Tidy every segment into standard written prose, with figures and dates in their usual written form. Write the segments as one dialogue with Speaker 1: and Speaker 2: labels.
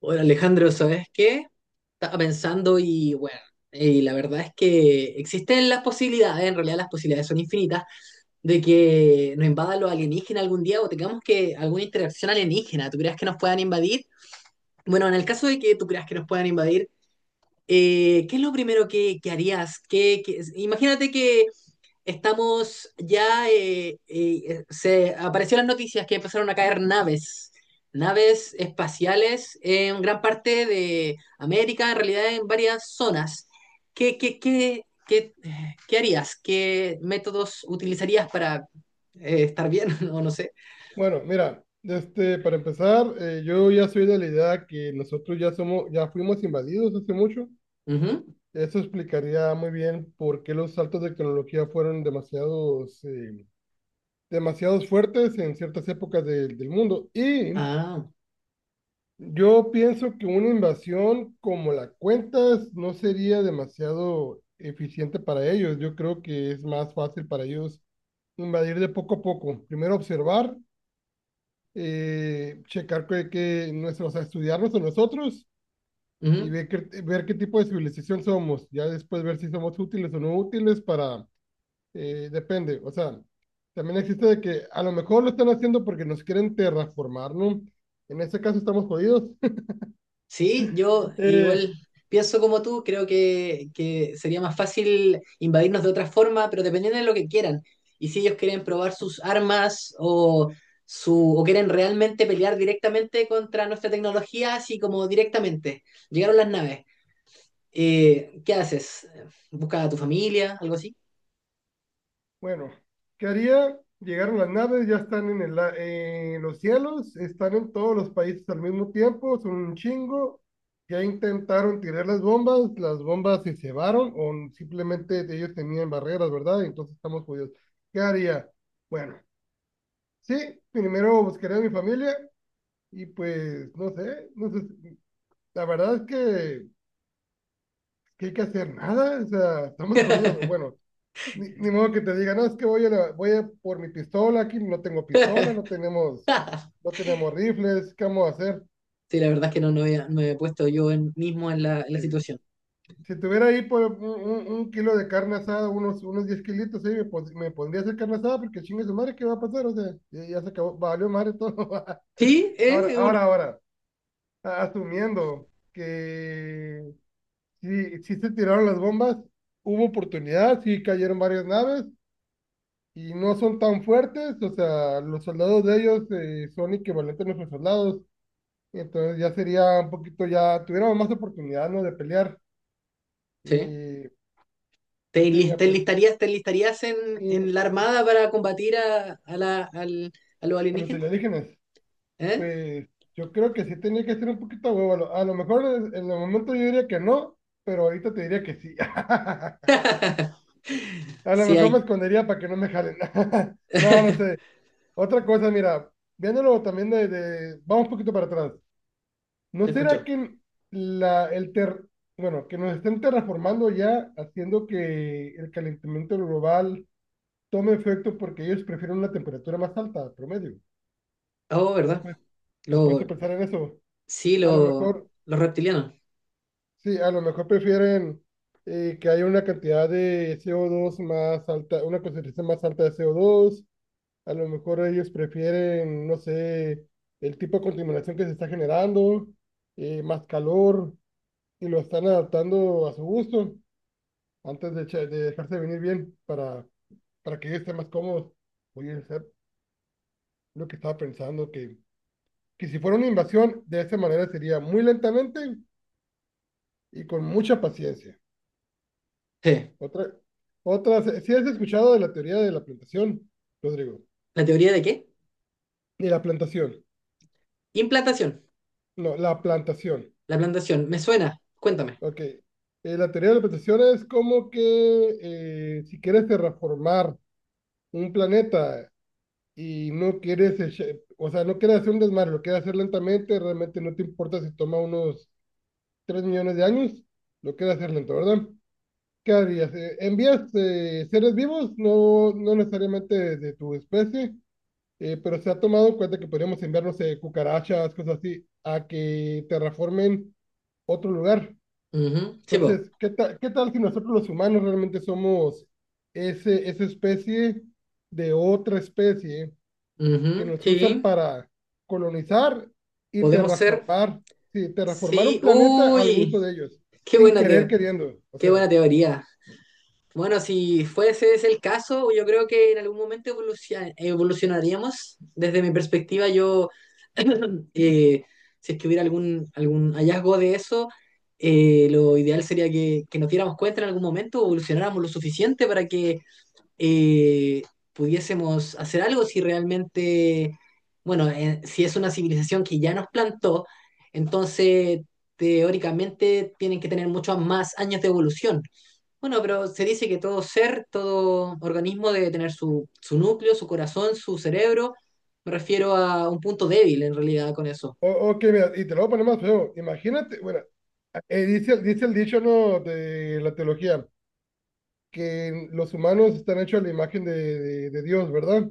Speaker 1: Hola Alejandro, ¿sabes qué? Estaba pensando y bueno, y la verdad es que existen las posibilidades, en realidad las posibilidades son infinitas, de que nos invadan los alienígenas algún día o tengamos que alguna interacción alienígena. ¿Tú creas que nos puedan invadir? Bueno, en el caso de que tú creas que nos puedan invadir, ¿qué es lo primero que harías? Imagínate que estamos ya, se apareció en las noticias que empezaron a caer naves, naves espaciales en gran parte de América, en realidad en varias zonas. ¿Qué, qué, qué, qué, ¿qué harías? ¿Qué métodos utilizarías para estar bien? No sé.
Speaker 2: Bueno, mira, este, para empezar, yo ya soy de la idea que nosotros ya somos, ya fuimos invadidos hace mucho.
Speaker 1: Ujú.
Speaker 2: Eso explicaría muy bien por qué los saltos de tecnología fueron demasiados fuertes en ciertas épocas del mundo. Y
Speaker 1: Ah,
Speaker 2: yo pienso que una invasión como la cuentas no sería demasiado eficiente para ellos. Yo creo que es más fácil para ellos invadir de poco a poco. Primero observar checar que nuestros, o sea, estudiarnos a nosotros y
Speaker 1: ujú.
Speaker 2: ver qué tipo de civilización somos. Ya después ver si somos útiles o no útiles para, depende. O sea, también existe de que a lo mejor lo están haciendo porque nos quieren terraformar, ¿no? En este caso estamos jodidos.
Speaker 1: Sí, yo
Speaker 2: Eh,
Speaker 1: igual pienso como tú, creo que sería más fácil invadirnos de otra forma, pero dependiendo de lo que quieran. Y si ellos quieren probar sus armas o, o quieren realmente pelear directamente contra nuestra tecnología, así como directamente. Llegaron las naves. ¿Qué haces? ¿Buscas a tu familia? ¿Algo así?
Speaker 2: Bueno, ¿qué haría? Llegaron las naves, ya están en en los cielos, están en todos los países al mismo tiempo, son un chingo. Ya intentaron tirar las bombas se cebaron o simplemente ellos tenían barreras, ¿verdad? Entonces estamos jodidos. ¿Qué haría? Bueno, sí, primero buscaría a mi familia y pues no sé, no sé, la verdad es que hay que hacer nada, o sea, estamos jodidos. Bueno, Ni modo que te diga, no, es que voy a por mi pistola, aquí no tengo pistola, no tenemos, no tenemos rifles, ¿qué vamos a hacer?
Speaker 1: Sí, la verdad es que no, no me he puesto yo mismo en en la
Speaker 2: Sí.
Speaker 1: situación.
Speaker 2: Si tuviera ahí por un kilo de carne asada, unos 10 kilitos, ahí me pondría a hacer carne asada porque chingue su madre, ¿qué va a pasar? O sea, ya, ya se acabó, valió madre todo.
Speaker 1: Sí,
Speaker 2: Ahora,
Speaker 1: es un...
Speaker 2: ahora, ahora, asumiendo que sí, sí se tiraron las bombas, hubo oportunidad, sí cayeron varias naves, y no son tan fuertes, o sea, los soldados de ellos son equivalentes a nuestros soldados, entonces ya sería un poquito, ya tuviéramos más oportunidad, ¿no? De pelear.
Speaker 1: Sí.
Speaker 2: Eh, ¿Qué sería?
Speaker 1: ¿Te
Speaker 2: Pues,
Speaker 1: enlistarías, te enlistarías
Speaker 2: y
Speaker 1: en la
Speaker 2: yo-
Speaker 1: armada para combatir a al, a los
Speaker 2: a los
Speaker 1: alienígenas?
Speaker 2: alienígenas,
Speaker 1: ¿Eh?
Speaker 2: pues yo creo que sí tenía que ser un poquito a huevo, a lo mejor en el momento yo diría que no, pero ahorita te diría que sí. A lo
Speaker 1: Sí,
Speaker 2: mejor me
Speaker 1: hay.
Speaker 2: escondería para que no me jalen. No, no sé. Otra cosa, mira, viéndolo también vamos un poquito para atrás. ¿No
Speaker 1: Te
Speaker 2: será
Speaker 1: escucho.
Speaker 2: que la, el ter, bueno, que nos estén terraformando ya, haciendo que el calentamiento global tome efecto porque ellos prefieren una temperatura más alta, promedio?
Speaker 1: Oh,
Speaker 2: ¿Estás,
Speaker 1: ¿verdad?
Speaker 2: pues- estás puesto a
Speaker 1: Lo,
Speaker 2: pensar en eso?
Speaker 1: sí,
Speaker 2: A lo
Speaker 1: lo,
Speaker 2: mejor,
Speaker 1: los reptilianos.
Speaker 2: sí, a lo mejor prefieren que haya una cantidad de CO2 más alta, una concentración más alta de CO2. A lo mejor ellos prefieren, no sé, el tipo de contaminación que se está generando, más calor. Y lo están adaptando a su gusto antes de dejarse venir bien para, que ellos estén más cómodos. Oye, es lo que estaba pensando, que si fuera una invasión, de esta manera sería muy lentamente y con mucha paciencia.
Speaker 1: Sí.
Speaker 2: Otra, otra, si has escuchado de la teoría de la plantación, Rodrigo?
Speaker 1: ¿La teoría de qué?
Speaker 2: De la plantación,
Speaker 1: Implantación.
Speaker 2: no, la plantación.
Speaker 1: La plantación. Me suena. Cuéntame.
Speaker 2: Ok. La teoría de la plantación es como que si quieres terraformar un planeta y no quieres, echa- o sea, no quieres hacer un desmadre, lo quieres hacer lentamente, realmente no te importa si toma unos 3 millones de años, lo quieres hacer lento, ¿verdad? ¿Qué harías? Envías seres vivos, no, no necesariamente de tu especie, pero se ha tomado en cuenta que podríamos enviar, no sé, cucarachas, cosas así, a que terraformen otro lugar.
Speaker 1: Ujú. Sí, po.
Speaker 2: Entonces, ¿qué tal si nosotros los humanos realmente somos ese, esa especie de otra especie? Que
Speaker 1: Ujú.
Speaker 2: los usan
Speaker 1: Sí.
Speaker 2: para colonizar y
Speaker 1: Podemos ser.
Speaker 2: terraformar, sí, terraformar
Speaker 1: Sí.
Speaker 2: un planeta al
Speaker 1: Uy.
Speaker 2: gusto de ellos,
Speaker 1: Qué
Speaker 2: sin
Speaker 1: buena,
Speaker 2: querer
Speaker 1: teo-
Speaker 2: queriendo, o
Speaker 1: Qué buena
Speaker 2: sea,
Speaker 1: teoría. Bueno, si fuese ese el caso, yo creo que en algún momento evolucionaríamos. Desde mi perspectiva, yo, eh, si es que hubiera algún hallazgo de eso, lo ideal sería que nos diéramos cuenta en algún momento, evolucionáramos lo suficiente para que eh, pudiésemos hacer algo si realmente, bueno, si es una civilización que ya nos plantó, entonces teóricamente tienen que tener muchos más años de evolución. Bueno, pero se dice que todo ser, todo organismo debe tener su, su núcleo, su corazón, su cerebro. Me refiero a un punto débil en realidad con eso.
Speaker 2: ok, mira, y te lo voy a poner más feo, imagínate, bueno, dice el dicho, ¿no?, de la teología, que los humanos están hechos a la imagen de Dios, ¿verdad?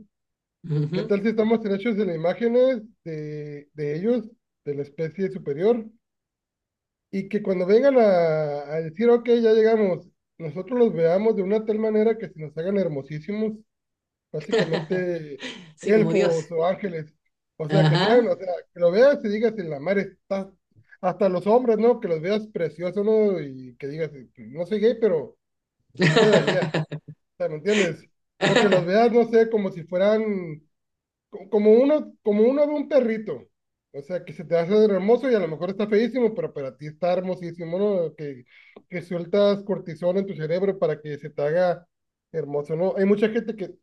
Speaker 2: ¿Qué
Speaker 1: Ujú.
Speaker 2: tal si estamos hechos de las imágenes de ellos, de la especie superior? Y que cuando vengan a decir, ok, ya llegamos, nosotros los veamos de una tal manera que se nos hagan hermosísimos, básicamente
Speaker 1: Sí, como Dios.
Speaker 2: elfos o ángeles, o sea, que sean,
Speaker 1: Ajá.
Speaker 2: o sea, que lo veas y digas, en la mar está, hasta los hombres, ¿no? Que los veas preciosos, ¿no? Y que digas, no soy gay, pero sí le daría, o sea, ¿me entiendes? O que los veas, no sé, como si fueran como uno ve un perrito, o sea, que se te hace hermoso y a lo mejor está feísimo, pero para ti está hermosísimo, ¿no? Que sueltas cortisol en tu cerebro para que se te haga hermoso, ¿no? Hay mucha gente que,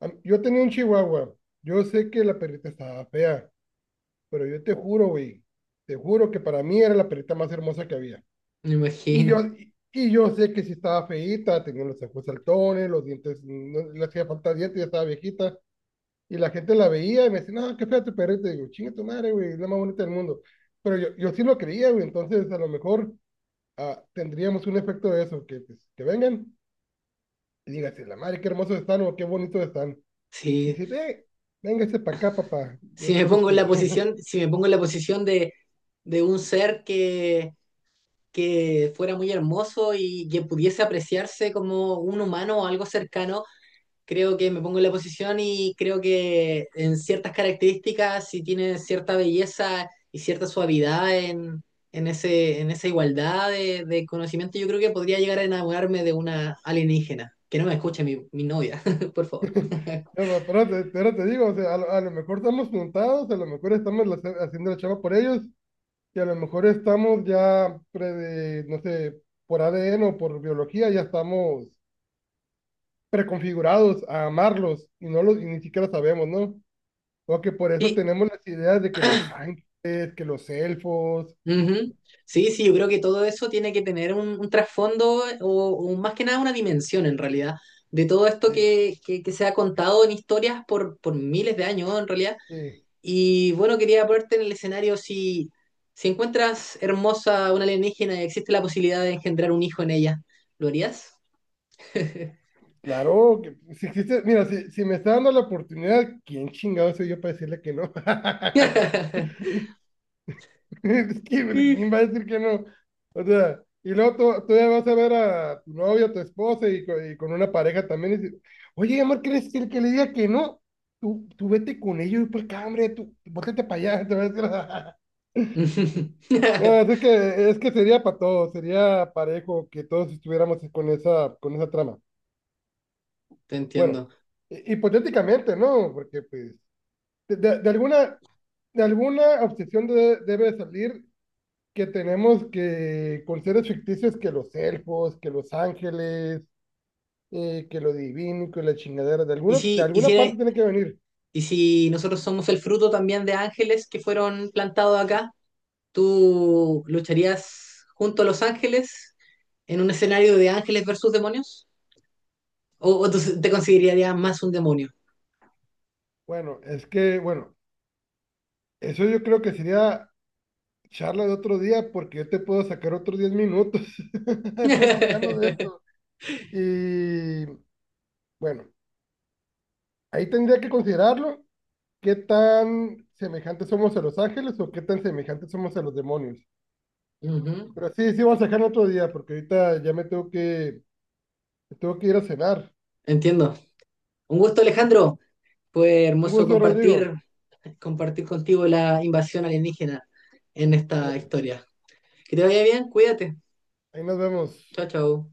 Speaker 2: a mí- yo tenía un chihuahua, yo sé que la perrita estaba fea, pero yo te juro, güey, te juro que para mí era la perrita más hermosa que había.
Speaker 1: Me
Speaker 2: Y
Speaker 1: imagino.
Speaker 2: yo, y, y yo sé que si estaba feíta, tenía los ojos saltones, los dientes, no le hacía falta dientes, ya estaba viejita y la gente la veía y me decía, no, qué fea tu perrita. Y digo, chinga tu madre, güey, es la más bonita del mundo. Pero yo sí lo creía, güey, entonces a lo mejor ah, tendríamos un efecto de eso, que, pues, que vengan y digan, "Sí, la madre, qué hermosos están o qué bonitos están". Y
Speaker 1: Sí.
Speaker 2: si, véngase para acá, papá, yo,
Speaker 1: Si me
Speaker 2: yo los
Speaker 1: pongo en la
Speaker 2: cuido.
Speaker 1: posición, si me pongo en la posición de un ser que fuera muy hermoso y que pudiese apreciarse como un humano o algo cercano, creo que me pongo en la posición y creo que en ciertas características, si tiene cierta belleza y cierta suavidad en, ese, en esa igualdad de conocimiento, yo creo que podría llegar a enamorarme de una alienígena. Que no me escuche mi, mi novia, por favor.
Speaker 2: No, pero te digo, o sea, a lo mejor estamos montados, a lo mejor haciendo la chava por ellos, y a lo mejor estamos ya, de, no sé, por ADN o por biología, ya estamos preconfigurados a amarlos y no los y ni siquiera sabemos, ¿no? O que por eso
Speaker 1: Sí,
Speaker 2: tenemos las ideas de que los ángeles, que los elfos,
Speaker 1: ujú. Sí, sí, yo creo que todo eso tiene que tener un trasfondo o más que nada una dimensión en realidad de todo esto
Speaker 2: eh,
Speaker 1: que se ha contado en historias por miles de años en realidad.
Speaker 2: eh,
Speaker 1: Y bueno, quería ponerte en el escenario si, si encuentras hermosa una alienígena y existe la posibilidad de engendrar un hijo en ella, ¿lo harías?
Speaker 2: claro, que si existe, mira, si me está dando la oportunidad, ¿quién chingado soy yo para decirle que no? Es que,
Speaker 1: Te
Speaker 2: pues, ¿quién va a decir que no? O sea, y luego tú ya vas a ver a tu novia, a tu esposa y con una pareja también y dices, oye, amor, ¿crees que el que le diga que no? Tú vete con ellos y por acá, hombre, tú, bótate para allá, te va a decir. No, es que sería para todos, sería parejo que todos estuviéramos con esa trama. Bueno,
Speaker 1: entiendo.
Speaker 2: hipotéticamente, ¿no? Porque pues de, de- de alguna, de alguna obsesión debe salir que tenemos que, con seres ficticios, que los elfos, que los ángeles, que lo divino, que la chingadera, de
Speaker 1: ¿Y
Speaker 2: alguna, de
Speaker 1: si, y
Speaker 2: alguna
Speaker 1: si,
Speaker 2: parte tiene que venir.
Speaker 1: ¿y si nosotros somos el fruto también de ángeles que fueron plantados acá, ¿tú lucharías junto a los ángeles en un escenario de ángeles versus demonios? O tú te considerarías más un demonio?
Speaker 2: Bueno, es que, bueno, eso yo creo que sería charla de otro día porque yo te puedo sacar otros 10 minutos platicando de. Y bueno, ahí tendría que considerarlo, qué tan semejantes somos a los ángeles o qué tan semejantes somos a los demonios.
Speaker 1: Ujú.
Speaker 2: Pero sí, sí, vamos a dejar otro día, porque ahorita ya tengo que ir a cenar.
Speaker 1: Entiendo. Un gusto, Alejandro. Fue
Speaker 2: Un
Speaker 1: hermoso
Speaker 2: gusto, Rodrigo.
Speaker 1: compartir, compartir contigo la invasión alienígena en esta
Speaker 2: Ándale,
Speaker 1: historia. Que te vaya bien, cuídate.
Speaker 2: ahí nos
Speaker 1: Chao,
Speaker 2: vemos.
Speaker 1: chao.